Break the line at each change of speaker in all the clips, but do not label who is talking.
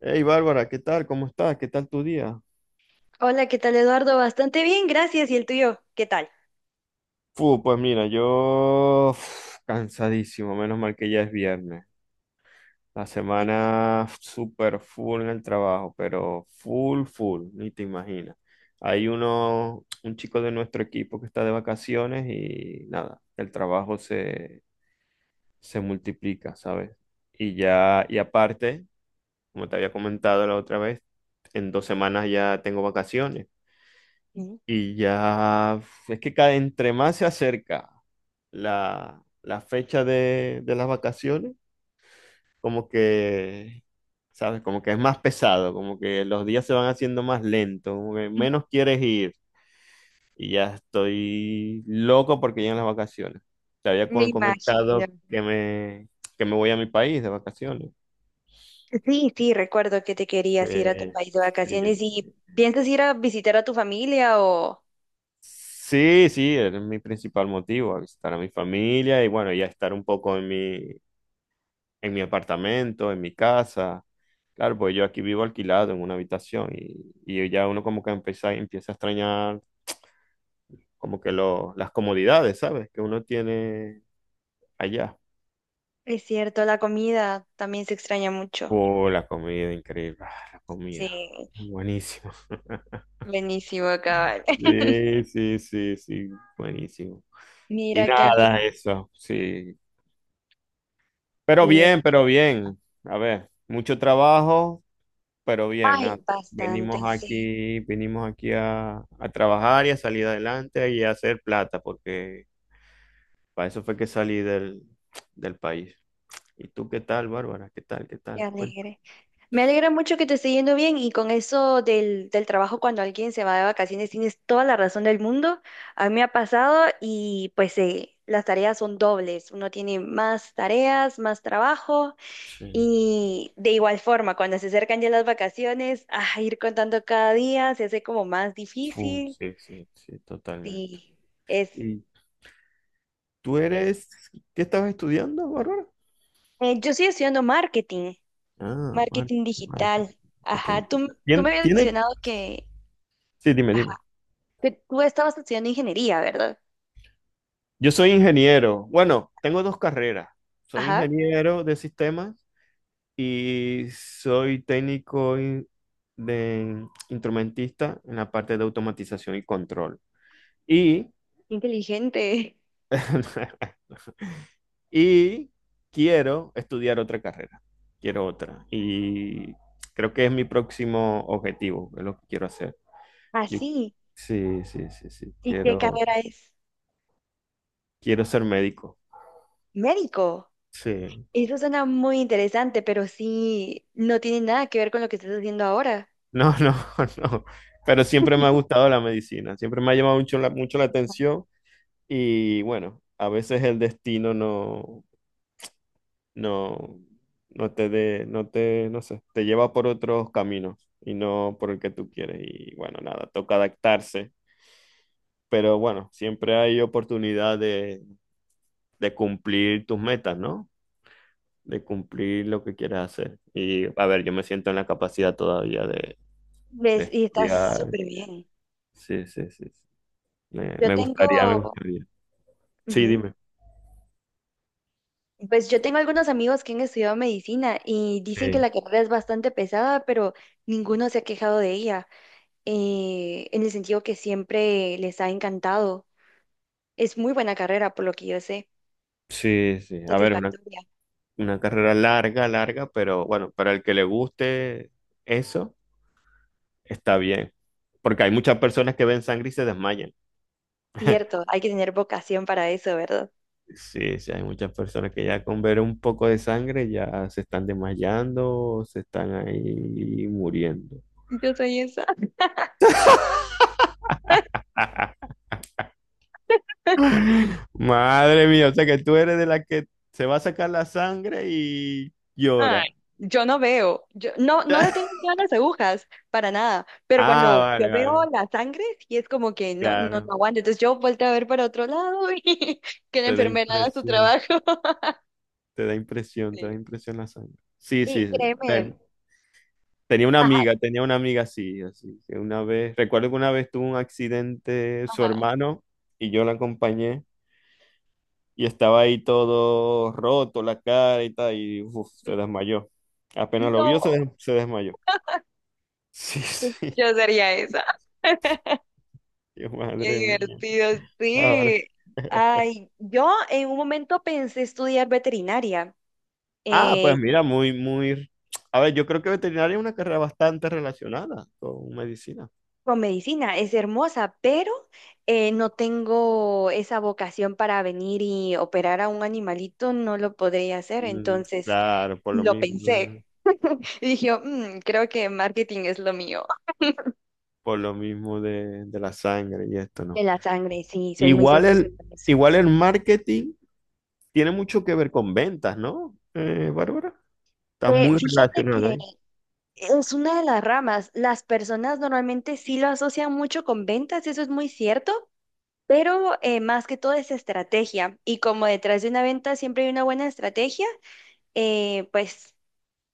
Hey Bárbara, ¿qué tal? ¿Cómo estás? ¿Qué tal tu día?
Hola, ¿qué tal, Eduardo? Bastante bien, gracias. ¿Y el tuyo? ¿Qué tal?
Fu, pues mira, yo cansadísimo, menos mal que ya es viernes. La semana súper full en el trabajo, pero full, full, ni te imaginas. Hay un chico de nuestro equipo que está de vacaciones y nada, se multiplica, ¿sabes? Y ya, y aparte, como te había comentado la otra vez, en 2 semanas ya tengo vacaciones.
Ujú.
Y ya es que cada, entre más se acerca la fecha de las vacaciones, como que, ¿sabes? Como que es más pesado, como que los días se van haciendo más lentos, como que menos quieres ir. Y ya estoy loco porque llegan las vacaciones. Te había
Me imagino.
comentado que me voy a mi país de vacaciones.
Sí, sí, recuerdo que te querías ir a tu
Eh,
país de
sí.
vacaciones y piensas ir a visitar a tu familia o...
Sí, sí, es mi principal motivo, a visitar a mi familia y bueno, ya estar un poco en en mi apartamento, en mi casa. Claro, pues yo aquí vivo alquilado en una habitación y ya uno como que empieza a extrañar como que las comodidades, ¿sabes? Que uno tiene allá.
Es cierto, la comida también se extraña mucho.
Oh, la comida, increíble. Ah, la comida.
Sí,
Buenísimo.
buenísimo, cabal.
Sí, sí, sí, sí, buenísimo. Y
Mira, qué
nada,
alegre.
eso, sí. Pero bien, pero bien. A ver, mucho trabajo, pero bien,
Ay,
nada.
bastante, sí,
Venimos aquí a trabajar y a salir adelante y a hacer plata, porque para eso fue que salí del país. ¿Y tú qué tal, Bárbara? ¿Qué tal? ¿Qué
qué
tal? Bueno,
alegre. Me alegra mucho que te esté yendo bien y con eso del trabajo cuando alguien se va de vacaciones tienes toda la razón del mundo. A mí me ha pasado y pues las tareas son dobles. Uno tiene más tareas, más trabajo
sí,
y de igual forma cuando se acercan ya las vacaciones, a ir contando cada día se hace como más
fu,
difícil.
sí, sí, sí, totalmente.
Sí, es,
¿Y tú
es.
eres, qué estabas estudiando, Bárbara?
Yo estoy estudiando marketing,
Ah,
marketing
marketing, marketing.
digital.
Marketing.
Ajá, tú me habías
¿Tiene?
mencionado que...
Sí, dime, dime.
Que tú estabas estudiando ingeniería, ¿verdad?
Yo soy ingeniero. Bueno, tengo 2 carreras. Soy
Ajá,
ingeniero de sistemas y soy de instrumentista en la parte de automatización y control. Y
qué inteligente.
y quiero estudiar otra carrera, quiero otra. Y creo que es mi próximo objetivo, es lo que quiero hacer. Yo-
Así.
sí, sí, sí, sí,
¿Y qué
quiero,
carrera es?
quiero ser médico.
Médico.
Sí,
Eso suena muy interesante, pero sí, no tiene nada que ver con lo que estás haciendo ahora.
no, no, no. Pero siempre me ha gustado la medicina, siempre me ha llamado mucho la atención. Y bueno, a veces el destino no, no, no sé, te lleva por otros caminos y no por el que tú quieres. Y bueno, nada, toca adaptarse. Pero bueno, siempre hay oportunidad de cumplir tus metas, ¿no? De cumplir lo que quieres hacer. Y a ver, yo me siento en la capacidad todavía de
¿Ves? Y estás
estudiar.
súper bien.
Sí, sí, sí, sí. Me,
Yo
me
tengo,
gustaría, me gustaría. Sí,
ujú.
dime.
Pues yo tengo algunos amigos que han estudiado medicina y dicen que
Sí,
la carrera es bastante pesada, pero ninguno se ha quejado de ella, en el sentido que siempre les ha encantado. Es muy buena carrera, por lo que yo sé.
sí, sí. A ver, es una
Satisfactoria.
Una carrera larga, larga, pero bueno, para el que le guste eso, está bien. Porque hay muchas personas que ven sangre y se desmayan.
Cierto, hay que tener vocación para eso, ¿verdad?
Sí, sí, hay muchas personas que
Sí.
ya con ver un poco de sangre ya se están desmayando, se están ahí muriendo.
Yo soy esa.
Madre mía, o sea que tú eres de la que se va a sacar la sangre y
Ay,
llora.
yo no veo, yo no, no le tengo miedo a las agujas, para nada, pero
Ah,
cuando yo
vale,
veo
vale,
la sangre, sí es como que
claro.
no aguanto, entonces yo vuelto a ver para otro lado y que la
Te da
enfermera haga su
impresión,
trabajo.
te da impresión, te da
Sí.
impresión la sangre. Sí, sí,
Y
sí. Te,
créeme,
tenía una
ajá,
amiga, tenía una amiga así, así, que una vez, recuerdo que una vez tuvo un accidente su
ajá,
hermano y yo la acompañé y estaba ahí todo roto, la cara y tal, y uf,
mm,
se desmayó. Apenas lo vio,
no,
se desmayó. Sí,
pues
sí.
yo sería esa.
Dios,
Qué
madre mía.
divertido,
Ahora.
sí. Ay, yo en un momento pensé estudiar veterinaria.
Ah, pues
eh,
mira, muy, muy... A ver, yo creo que veterinaria es una carrera bastante relacionada con medicina.
con medicina, es hermosa, pero no tengo esa vocación para venir y operar a un animalito, no lo podría hacer,
Mm,
entonces
claro,
lo
eh,
pensé y dije, "Mm, creo que marketing es lo mío.
por lo mismo de la sangre y esto,
De
¿no?
la sangre, sí, soy muy
Igual
sensible
entonces,
con eso.
igual el marketing tiene mucho que ver con ventas, ¿no? Bárbara, está muy
Fíjate
relacionado
que
ahí.
es una de las ramas, las personas normalmente sí lo asocian mucho con ventas, eso es muy cierto. Pero más que todo es estrategia. Y como detrás de una venta siempre hay una buena estrategia, eh, pues,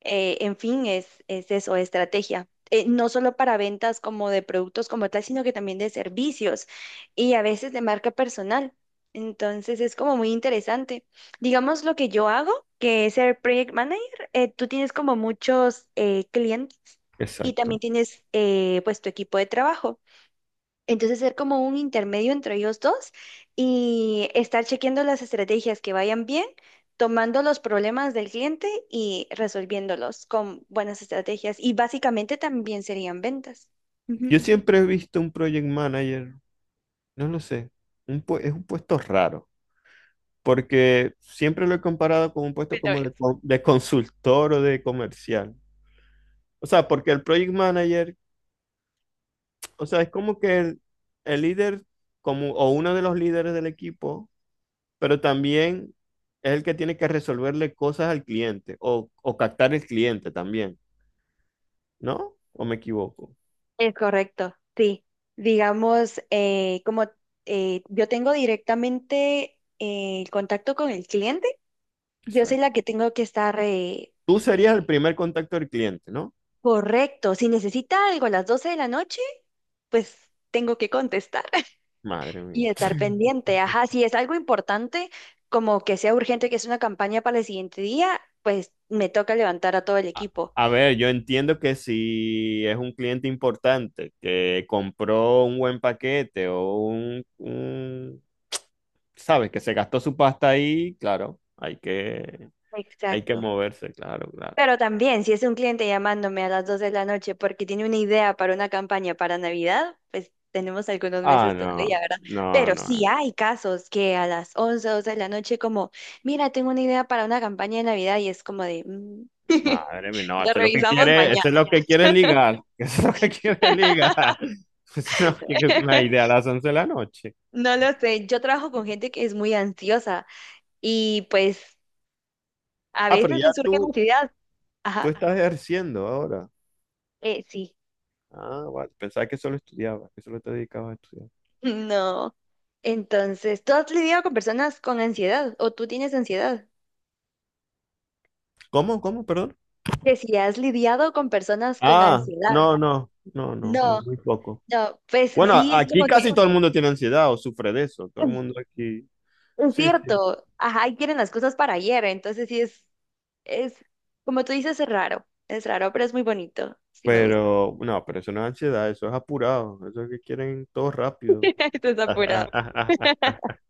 en fin, es eso, estrategia. No solo para ventas como de productos como tal, sino que también de servicios y a veces de marca personal. Entonces es como muy interesante. Digamos lo que yo hago, que es ser project manager, tú tienes como muchos clientes y también
Exacto.
tienes pues tu equipo de trabajo. Entonces, ser como un intermedio entre ellos dos y estar chequeando las estrategias que vayan bien, tomando los problemas del cliente y resolviéndolos con buenas estrategias. Y básicamente también serían ventas.
Yo
Ujú.
siempre he visto un project manager, no lo sé, es un puesto raro, porque siempre lo he comparado con un puesto
Pero
como
es-
de consultor o de comercial. O sea, porque el project manager, o sea, es como que el líder como, o uno de los líderes del equipo pero también es el que tiene que resolverle cosas al cliente o captar el cliente también, ¿no? ¿O me equivoco?
es correcto, sí. Digamos, como yo tengo directamente el contacto con el cliente, yo soy
Exacto.
la que tengo que estar
Tú
eh,
serías el primer contacto del cliente, ¿no?
correcto. Si necesita algo a las 12 de la noche, pues tengo que contestar.
Madre
Y
mía.
estar pendiente, ajá, si es algo importante, como que sea urgente, que es una campaña para el siguiente día, pues me toca levantar a todo el
A,
equipo.
a ver, yo entiendo que si es un cliente importante que compró un buen paquete o sabes, que se gastó su pasta ahí, claro, hay que
Exacto.
moverse, claro, claro.
Pero también, si es un cliente llamándome a las 2 de la noche porque tiene una idea para una campaña para Navidad, pues tenemos algunos
Ah,
meses todavía,
no,
¿verdad?
no,
Pero sí
no.
hay casos que a las 11, 12 de la noche como, mira, tengo una idea para una campaña de Navidad y es como de, "Mm,
Madre mía, no,
la
esto es lo que
revisamos
quiere,
mañana.
esto es lo que quiere ligar, esto es lo que quiere ligar. Esto es lo que es una idea a las 11 de la noche.
No lo sé, yo trabajo con gente que es muy ansiosa y pues a
Ah, pero
veces
ya
le surge la
tú,
ansiedad.
tú
Ajá,
estás ejerciendo ahora.
sí,
Ah, vale, pensaba que solo estudiabas, que solo te dedicabas a estudiar.
no. Entonces, ¿tú has lidiado con personas con ansiedad o tú tienes ansiedad?
¿Cómo? ¿Cómo? Perdón.
Que si has lidiado con personas con
Ah,
ansiedad.
no, no, no, no,
No,
no, muy poco.
no, pues
Bueno,
sí, es como
aquí
que
casi todo el mundo tiene ansiedad o sufre de eso, todo el mundo aquí.
es
Sí, sí.
cierto, ajá, y quieren las cosas para ayer, entonces sí es, como tú dices, es raro, pero es muy bonito, sí me gusta.
Pero, no, pero eso no es ansiedad, eso es apurado, eso es que quieren todo rápido.
Estás apurado.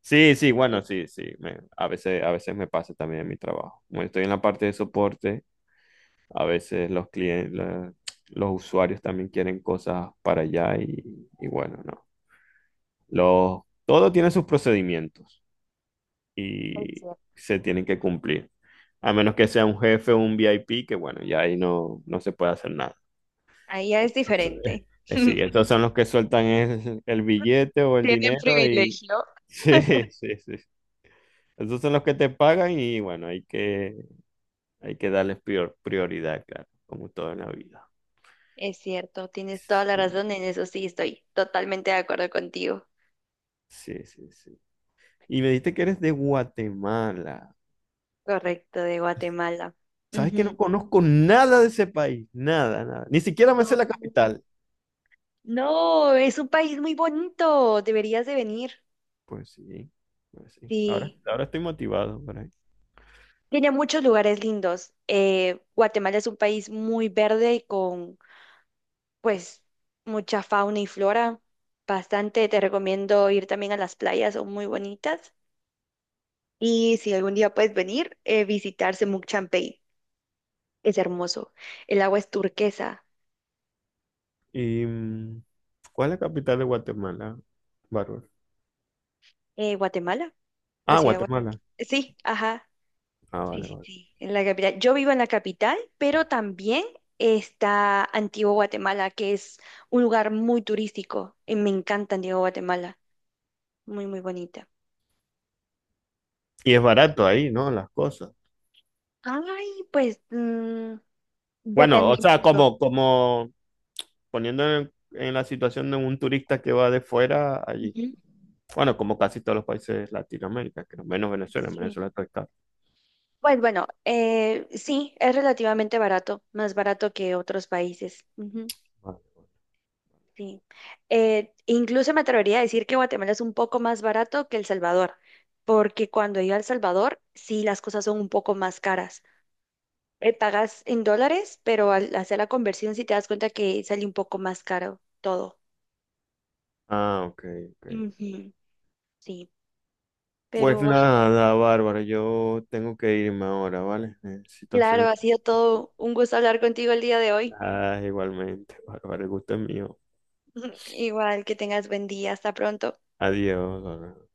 Sí, sí, bueno,
Sí,
sí, sí, a veces me pasa también en mi trabajo. Como estoy en la parte de soporte, a veces los usuarios también quieren cosas para allá y bueno, no. Los, todo tiene sus procedimientos
es
y
cierto.
se tienen que cumplir. A menos que sea un jefe o un VIP, que bueno, ya ahí no, no se puede hacer.
Ahí ya es diferente.
Sí, estos son los que sueltan el billete o el
Tienen
dinero y
privilegio.
sí, sí, sí. Estos son los que te pagan y bueno, hay que darles prioridad, claro, como todo en la vida.
Es cierto, tienes toda la
Sí,
razón en eso, sí, estoy totalmente de acuerdo contigo.
sí, sí, sí. Y me dijiste que eres de Guatemala.
Correcto, de Guatemala.
¿Sabes que no
Ujú.
conozco nada de ese país? Nada, nada. Ni siquiera me sé
No,
la capital.
no, es un país muy bonito, deberías de venir.
Pues sí, pues sí. Ahora,
Sí,
ahora estoy motivado por ahí.
tiene muchos lugares lindos. Guatemala es un país muy verde y con, pues, mucha fauna y flora. Bastante, te recomiendo ir también a las playas, son muy bonitas. Y si algún día puedes venir, visitar Semuc Champey. Es hermoso. El agua es turquesa.
¿Y cuál es la capital de Guatemala, Bárbara?
Guatemala, la
Ah,
ciudad de Guatemala.
Guatemala.
Sí, ajá.
Ah,
Sí,
vale,
sí,
vale.
sí, en la capital. Yo vivo en la capital, pero también está Antigua Guatemala, que es un lugar muy turístico. Y me encanta Antigua Guatemala. Muy, muy bonita.
Y es barato ahí, ¿no? Las cosas.
Ay, pues mm,
Bueno,
depende
o sea,
mucho.
como, como poniendo en la situación de un turista que va de fuera allí.
Ujú.
Bueno, como casi todos los países de Latinoamérica, que no, menos Venezuela, en
Sí.
Venezuela está caro.
Pues bueno, sí, es relativamente barato, más barato que otros países. Ujú,
Vale.
sí. Incluso me atrevería a decir que Guatemala es un poco más barato que El Salvador, porque cuando iba a El Salvador, sí, las cosas son un poco más caras. Pagas en dólares, pero al hacer la conversión sí te das cuenta que sale un poco más caro todo.
Ah, ok, ok.
Ujú, sí,
Pues
pero ah,
nada, Bárbara, yo tengo que irme ahora, ¿vale? Necesito hacer
claro,
un...
ha sido todo un gusto hablar contigo el día de hoy.
Ah, igualmente, Bárbara, el gusto es mío.
Igual que tengas buen día, hasta pronto.
Adiós, Bárbara.